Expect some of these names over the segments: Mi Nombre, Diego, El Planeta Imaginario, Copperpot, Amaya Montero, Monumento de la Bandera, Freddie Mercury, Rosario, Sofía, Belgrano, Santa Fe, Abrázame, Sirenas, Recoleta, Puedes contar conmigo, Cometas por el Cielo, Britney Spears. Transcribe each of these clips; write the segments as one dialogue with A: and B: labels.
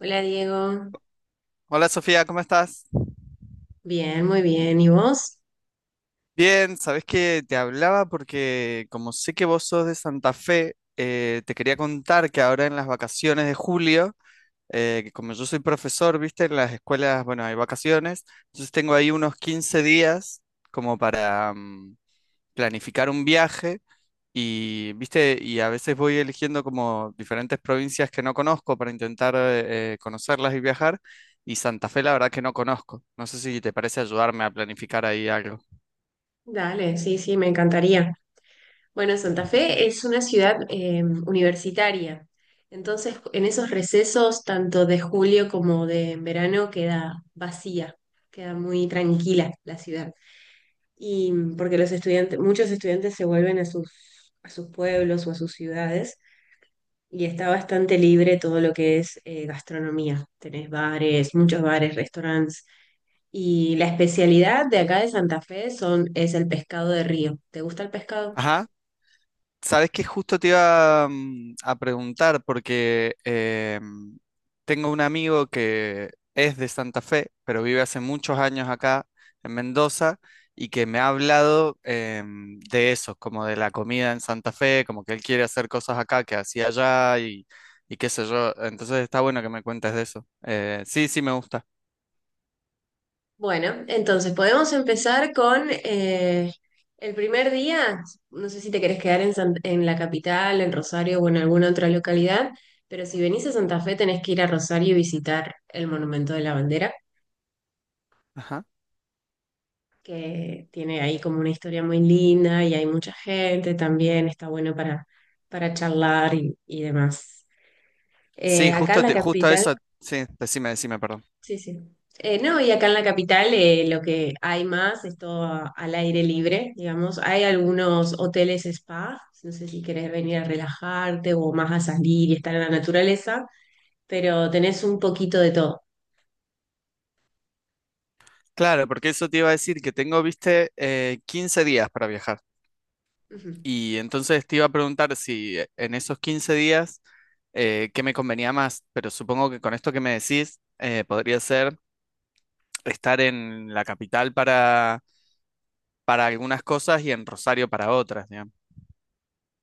A: Hola Diego,
B: Hola Sofía, ¿cómo estás?
A: bien, muy bien. ¿Y vos?
B: Bien, sabes que te hablaba porque como sé que vos sos de Santa Fe, te quería contar que ahora en las vacaciones de julio, que como yo soy profesor, viste, en las escuelas, bueno, hay vacaciones, entonces tengo ahí unos 15 días como para planificar un viaje y, viste, y a veces voy eligiendo como diferentes provincias que no conozco para intentar conocerlas y viajar. Y Santa Fe, la verdad que no conozco. No sé si te parece ayudarme a planificar ahí algo.
A: Dale, sí, sí, me encantaría. Bueno, Santa Fe es una ciudad universitaria, entonces en esos recesos, tanto de julio como de verano, queda vacía, queda muy tranquila la ciudad. Y porque los estudiantes, muchos estudiantes se vuelven a sus pueblos o a sus ciudades y está bastante libre todo lo que es gastronomía. Tenés bares, muchos bares, restaurantes. Y la especialidad de acá de Santa Fe es el pescado de río. ¿Te gusta el pescado?
B: Ajá, sabes que justo te iba a preguntar porque tengo un amigo que es de Santa Fe, pero vive hace muchos años acá en Mendoza y que me ha hablado de eso, como de la comida en Santa Fe, como que él quiere hacer cosas acá que hacía allá y qué sé yo. Entonces está bueno que me cuentes de eso. Sí, sí, me gusta.
A: Bueno, entonces podemos empezar con el primer día. No sé si te querés quedar en la capital, en Rosario o en alguna otra localidad, pero si venís a Santa Fe tenés que ir a Rosario y visitar el Monumento de la Bandera,
B: Ajá.
A: que tiene ahí como una historia muy linda y hay mucha gente también, está bueno para charlar y demás.
B: Sí,
A: Acá en
B: justo,
A: la
B: justo
A: capital.
B: eso. Sí, decime, decime, perdón.
A: Sí, sí. No, y acá en la capital lo que hay más es todo al aire libre, digamos. Hay algunos hoteles spa, no sé si querés venir a relajarte o más a salir y estar en la naturaleza, pero tenés un poquito de todo.
B: Claro, porque eso te iba a decir que tengo, viste, 15 días para viajar.
A: Ujú.
B: Y entonces te iba a preguntar si en esos 15 días, ¿qué me convenía más? Pero supongo que con esto que me decís, podría ser estar en la capital para algunas cosas y en Rosario para otras, digamos.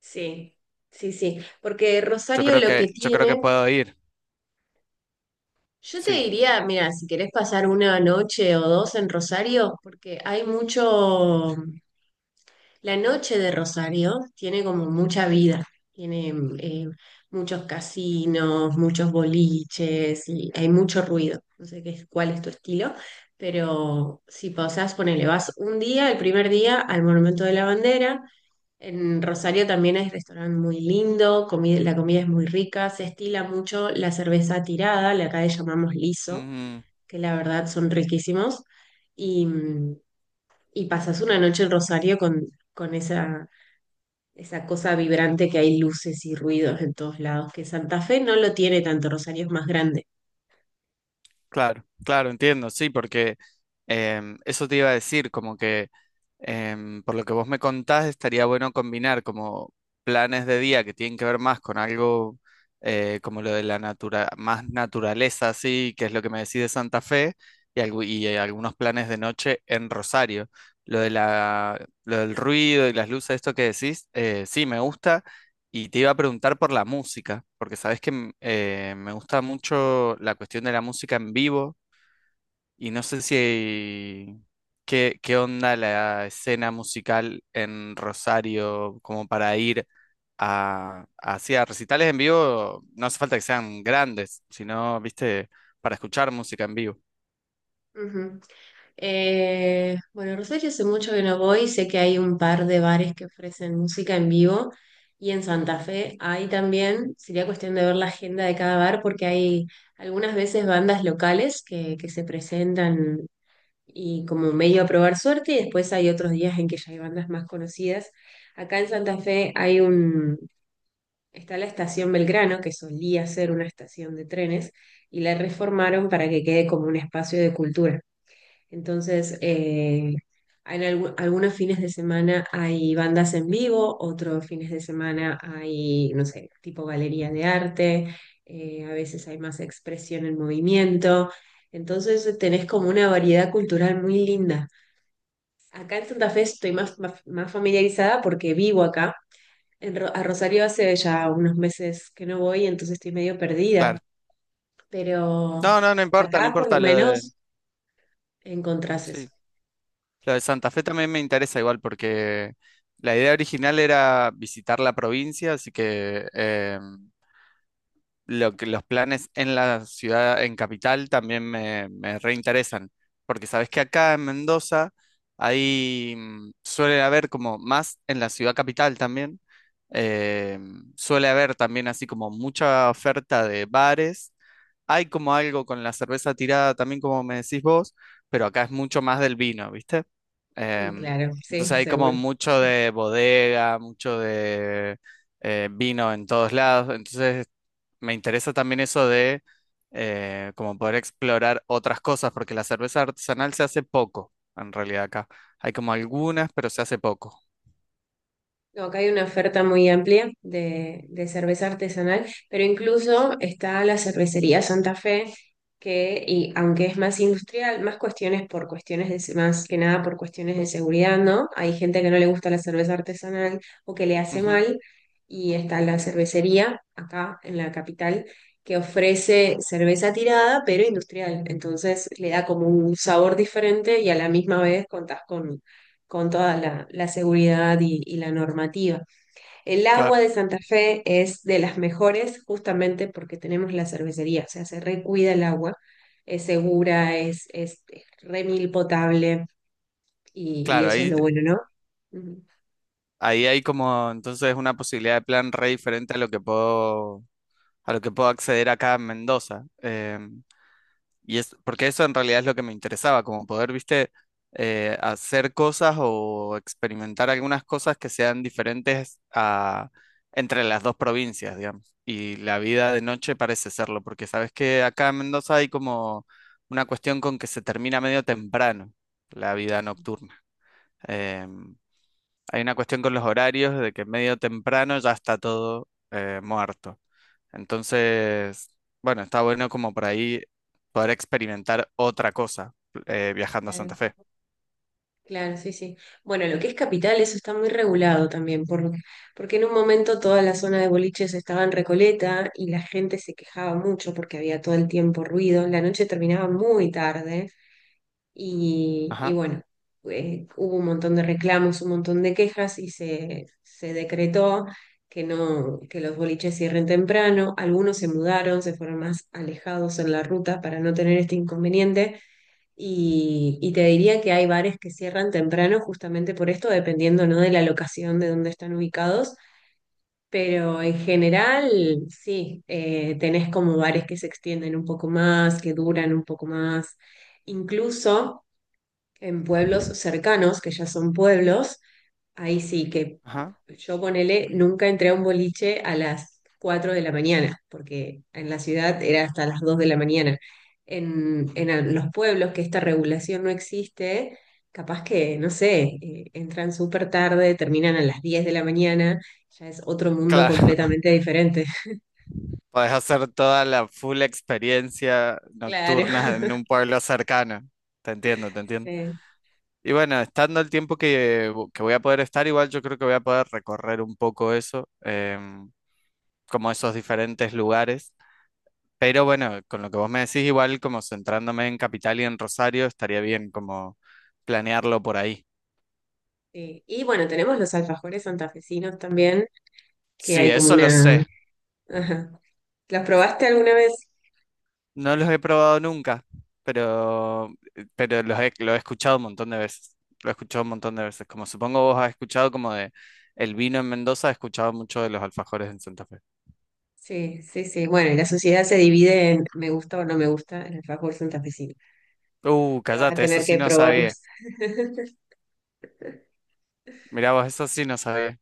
A: Sí, sí, sí. Porque
B: Yo
A: Rosario
B: creo
A: lo que
B: que, yo creo que
A: tiene,
B: puedo ir,
A: yo te
B: sí.
A: diría, mira, si querés pasar una noche o dos en Rosario, porque hay mucho. La noche de Rosario tiene como mucha vida, tiene eh, muchos casinos, muchos boliches y hay mucho ruido. No sé qué es, cuál es tu estilo, pero si pasás, ponele, vas un día, el primer día, al Monumento de la Bandera. En Rosario también hay restaurante muy lindo, la comida es muy rica, se estila mucho la cerveza tirada, la acá le llamamos liso, que la verdad son riquísimos. Y, mm, y pasas una noche en Rosario con esa cosa vibrante que hay luces y ruidos en todos lados, que Santa Fe no lo tiene tanto, Rosario es más grande.
B: Claro, claro, entiendo, sí, porque eso te iba a decir, como que por lo que vos me contás, estaría bueno combinar como planes de día que tienen que ver más con algo como lo de la natura, más naturaleza, así, que es lo que me decís de Santa Fe, y, y algunos planes de noche en Rosario. Lo de la, lo del ruido y las luces, esto que decís, sí, me gusta. Y te iba a preguntar por la música, porque sabes que me gusta mucho la cuestión de la música en vivo y no sé si qué, qué onda la escena musical en Rosario como para ir a, hacia recitales en vivo, no hace falta que sean grandes, sino, viste, para escuchar música en vivo.
A: Ujú. Bueno, Rosario hace mucho que no voy, sé que hay un par de bares que ofrecen música en vivo y en Santa Fe hay también, sería cuestión de ver la agenda de cada bar porque hay algunas veces bandas locales que se presentan y como medio a probar suerte y después hay otros días en que ya hay bandas más conocidas. Acá en Santa Fe hay un está la estación Belgrano, que solía ser una estación de trenes, y la reformaron para que quede como un espacio de cultura. Entonces, en algunos fines de semana hay bandas en vivo, otros fines de semana hay, no sé, tipo galería de arte, a veces hay más expresión en movimiento. Entonces, tenés como una variedad cultural muy linda. Acá en Santa Fe estoy más, más familiarizada porque vivo acá a Rosario hace ya unos meses que no voy, entonces estoy medio perdida,
B: Claro. No,
A: pero
B: no, no importa, no
A: acá por lo
B: importa lo de...
A: menos encontrás eso.
B: Sí, lo de Santa Fe también me interesa igual porque la idea original era visitar la provincia, así que lo que los planes en la ciudad, en capital, también me reinteresan, porque sabes que acá en Mendoza ahí suele haber como más en la ciudad capital también, eh, suele haber también así como mucha oferta de bares, hay como algo con la cerveza tirada también como me decís vos, pero acá es mucho más del vino, ¿viste?
A: Mm,
B: Em,
A: claro,
B: entonces
A: sí,
B: hay como
A: seguro.
B: mucho de bodega, mucho de vino en todos lados, entonces me interesa también eso de como poder explorar otras cosas, porque la cerveza artesanal se hace poco, en realidad acá. Hay como algunas, pero se hace poco.
A: No, acá hay una oferta muy amplia de cerveza artesanal, pero incluso está la cervecería Santa Fe, que y aunque es más industrial, más que nada por cuestiones de seguridad, ¿no? Hay gente que no le gusta la cerveza artesanal o que le hace
B: Ujú,
A: mal, y está la cervecería acá en la capital que ofrece cerveza tirada, pero industrial. Entonces le da como un sabor diferente y a la misma vez contás con toda la seguridad y la normativa. El agua
B: claro,
A: de Santa Fe es de las mejores justamente porque tenemos la cervecería, o sea, se recuida el agua, es segura, es re mil potable y
B: claro,
A: eso es
B: ahí,
A: lo bueno, ¿no? Ujú.
B: ahí hay como entonces una posibilidad de plan re diferente a lo que puedo, a lo que puedo acceder acá en Mendoza. Y es, porque eso en realidad es lo que me interesaba, como poder, viste, hacer cosas o experimentar algunas cosas que sean diferentes a, entre las dos provincias, digamos. Y la vida de noche parece serlo, porque sabes que acá en Mendoza hay como una cuestión con que se termina medio temprano la vida nocturna. Em, hay una cuestión con los horarios de que medio temprano ya está todo muerto. Entonces, bueno, está bueno como por ahí poder experimentar otra cosa viajando a Santa
A: Claro.
B: Fe.
A: Claro, sí, sí. Bueno, lo que es capital, eso está muy regulado también, porque en un momento toda la zona de boliches estaba en Recoleta y la gente se quejaba mucho porque había todo el tiempo ruido. La noche terminaba muy tarde. Y
B: Ajá,
A: bueno, hubo un montón de reclamos, un montón de quejas y se decretó que no, que los boliches cierren temprano. Algunos se mudaron, se fueron más alejados en la ruta para no tener este inconveniente. Y te diría que hay bares que cierran temprano justamente por esto, dependiendo, ¿no? de la locación de donde están ubicados. Pero en general, sí, tenés como bares que se extienden un poco más, que duran un poco más. Incluso en pueblos cercanos, que ya son pueblos, ahí sí que
B: ajá.
A: yo ponele, nunca entré a un boliche a las 4 de la mañana, porque en la ciudad era hasta las 2 de la mañana. En los pueblos que esta regulación no existe, capaz que, no sé, entran súper tarde, terminan a las 10 de la mañana, ya es otro mundo
B: Claro,
A: completamente diferente.
B: podés hacer toda la full experiencia
A: Claro.
B: nocturna en un pueblo cercano. Te entiendo, te entiendo.
A: Sí,
B: Y bueno, estando el tiempo que, que voy a poder estar, igual yo creo que voy a poder recorrer un poco eso, como esos diferentes lugares. Pero bueno, con lo que vos me decís, igual como centrándome en Capital y en Rosario, estaría bien como planearlo por ahí.
A: sí. Y bueno, tenemos los alfajores santafesinos también, que
B: Sí,
A: hay como
B: eso lo
A: una.
B: sé.
A: Ajá. ¿Los probaste alguna vez?
B: No los he probado nunca, pero, pero los he, lo he escuchado un montón de veces. Lo he escuchado un montón de veces. Como supongo vos has escuchado como de el vino en Mendoza, he escuchado mucho de los alfajores en Santa Fe.
A: Sí, sí, sí. Bueno, y la sociedad se divide en me gusta o no me gusta el alfajor santafesino. Que vas a
B: Cállate, eso
A: tener
B: sí
A: que
B: no sabía.
A: probarlos.
B: Mirá vos, eso sí no sabía.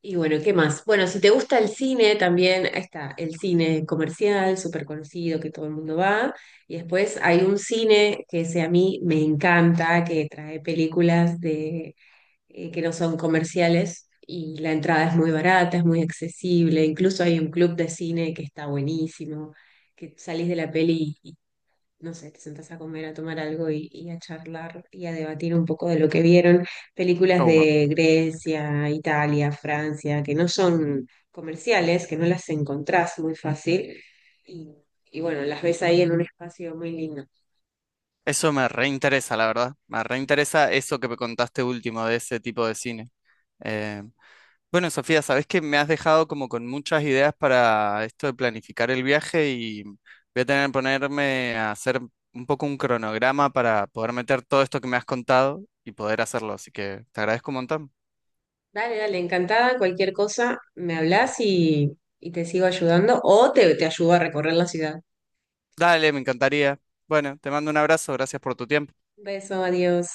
A: Y bueno, ¿qué más? Bueno, si te gusta el cine, también está el cine comercial, súper conocido, que todo el mundo va. Y después hay un cine que ese a mí me encanta, que trae películas que no son comerciales. Y la entrada es muy barata, es muy accesible. Incluso hay un club de cine que está buenísimo, que salís de la peli no sé, te sentás a comer, a tomar algo y a charlar y a debatir un poco de lo que vieron. Películas
B: Uh, me-
A: de Grecia, Italia, Francia, que no son comerciales, que no las encontrás muy fácil. Y, y bueno, las ves ahí en un espacio muy lindo.
B: eso me reinteresa, la verdad. Me reinteresa eso que me contaste último de ese tipo de cine. Eh, Bueno, Sofía, sabes que me has dejado como con muchas ideas para esto de planificar el viaje y voy a tener que ponerme a hacer un poco un cronograma para poder meter todo esto que me has contado y poder hacerlo. Así que te agradezco un montón.
A: Dale, dale, encantada. Cualquier cosa, me hablas y te sigo ayudando o te ayudo a recorrer la ciudad.
B: Dale, me encantaría. Bueno, te mando un abrazo, gracias por tu tiempo.
A: Un beso, adiós.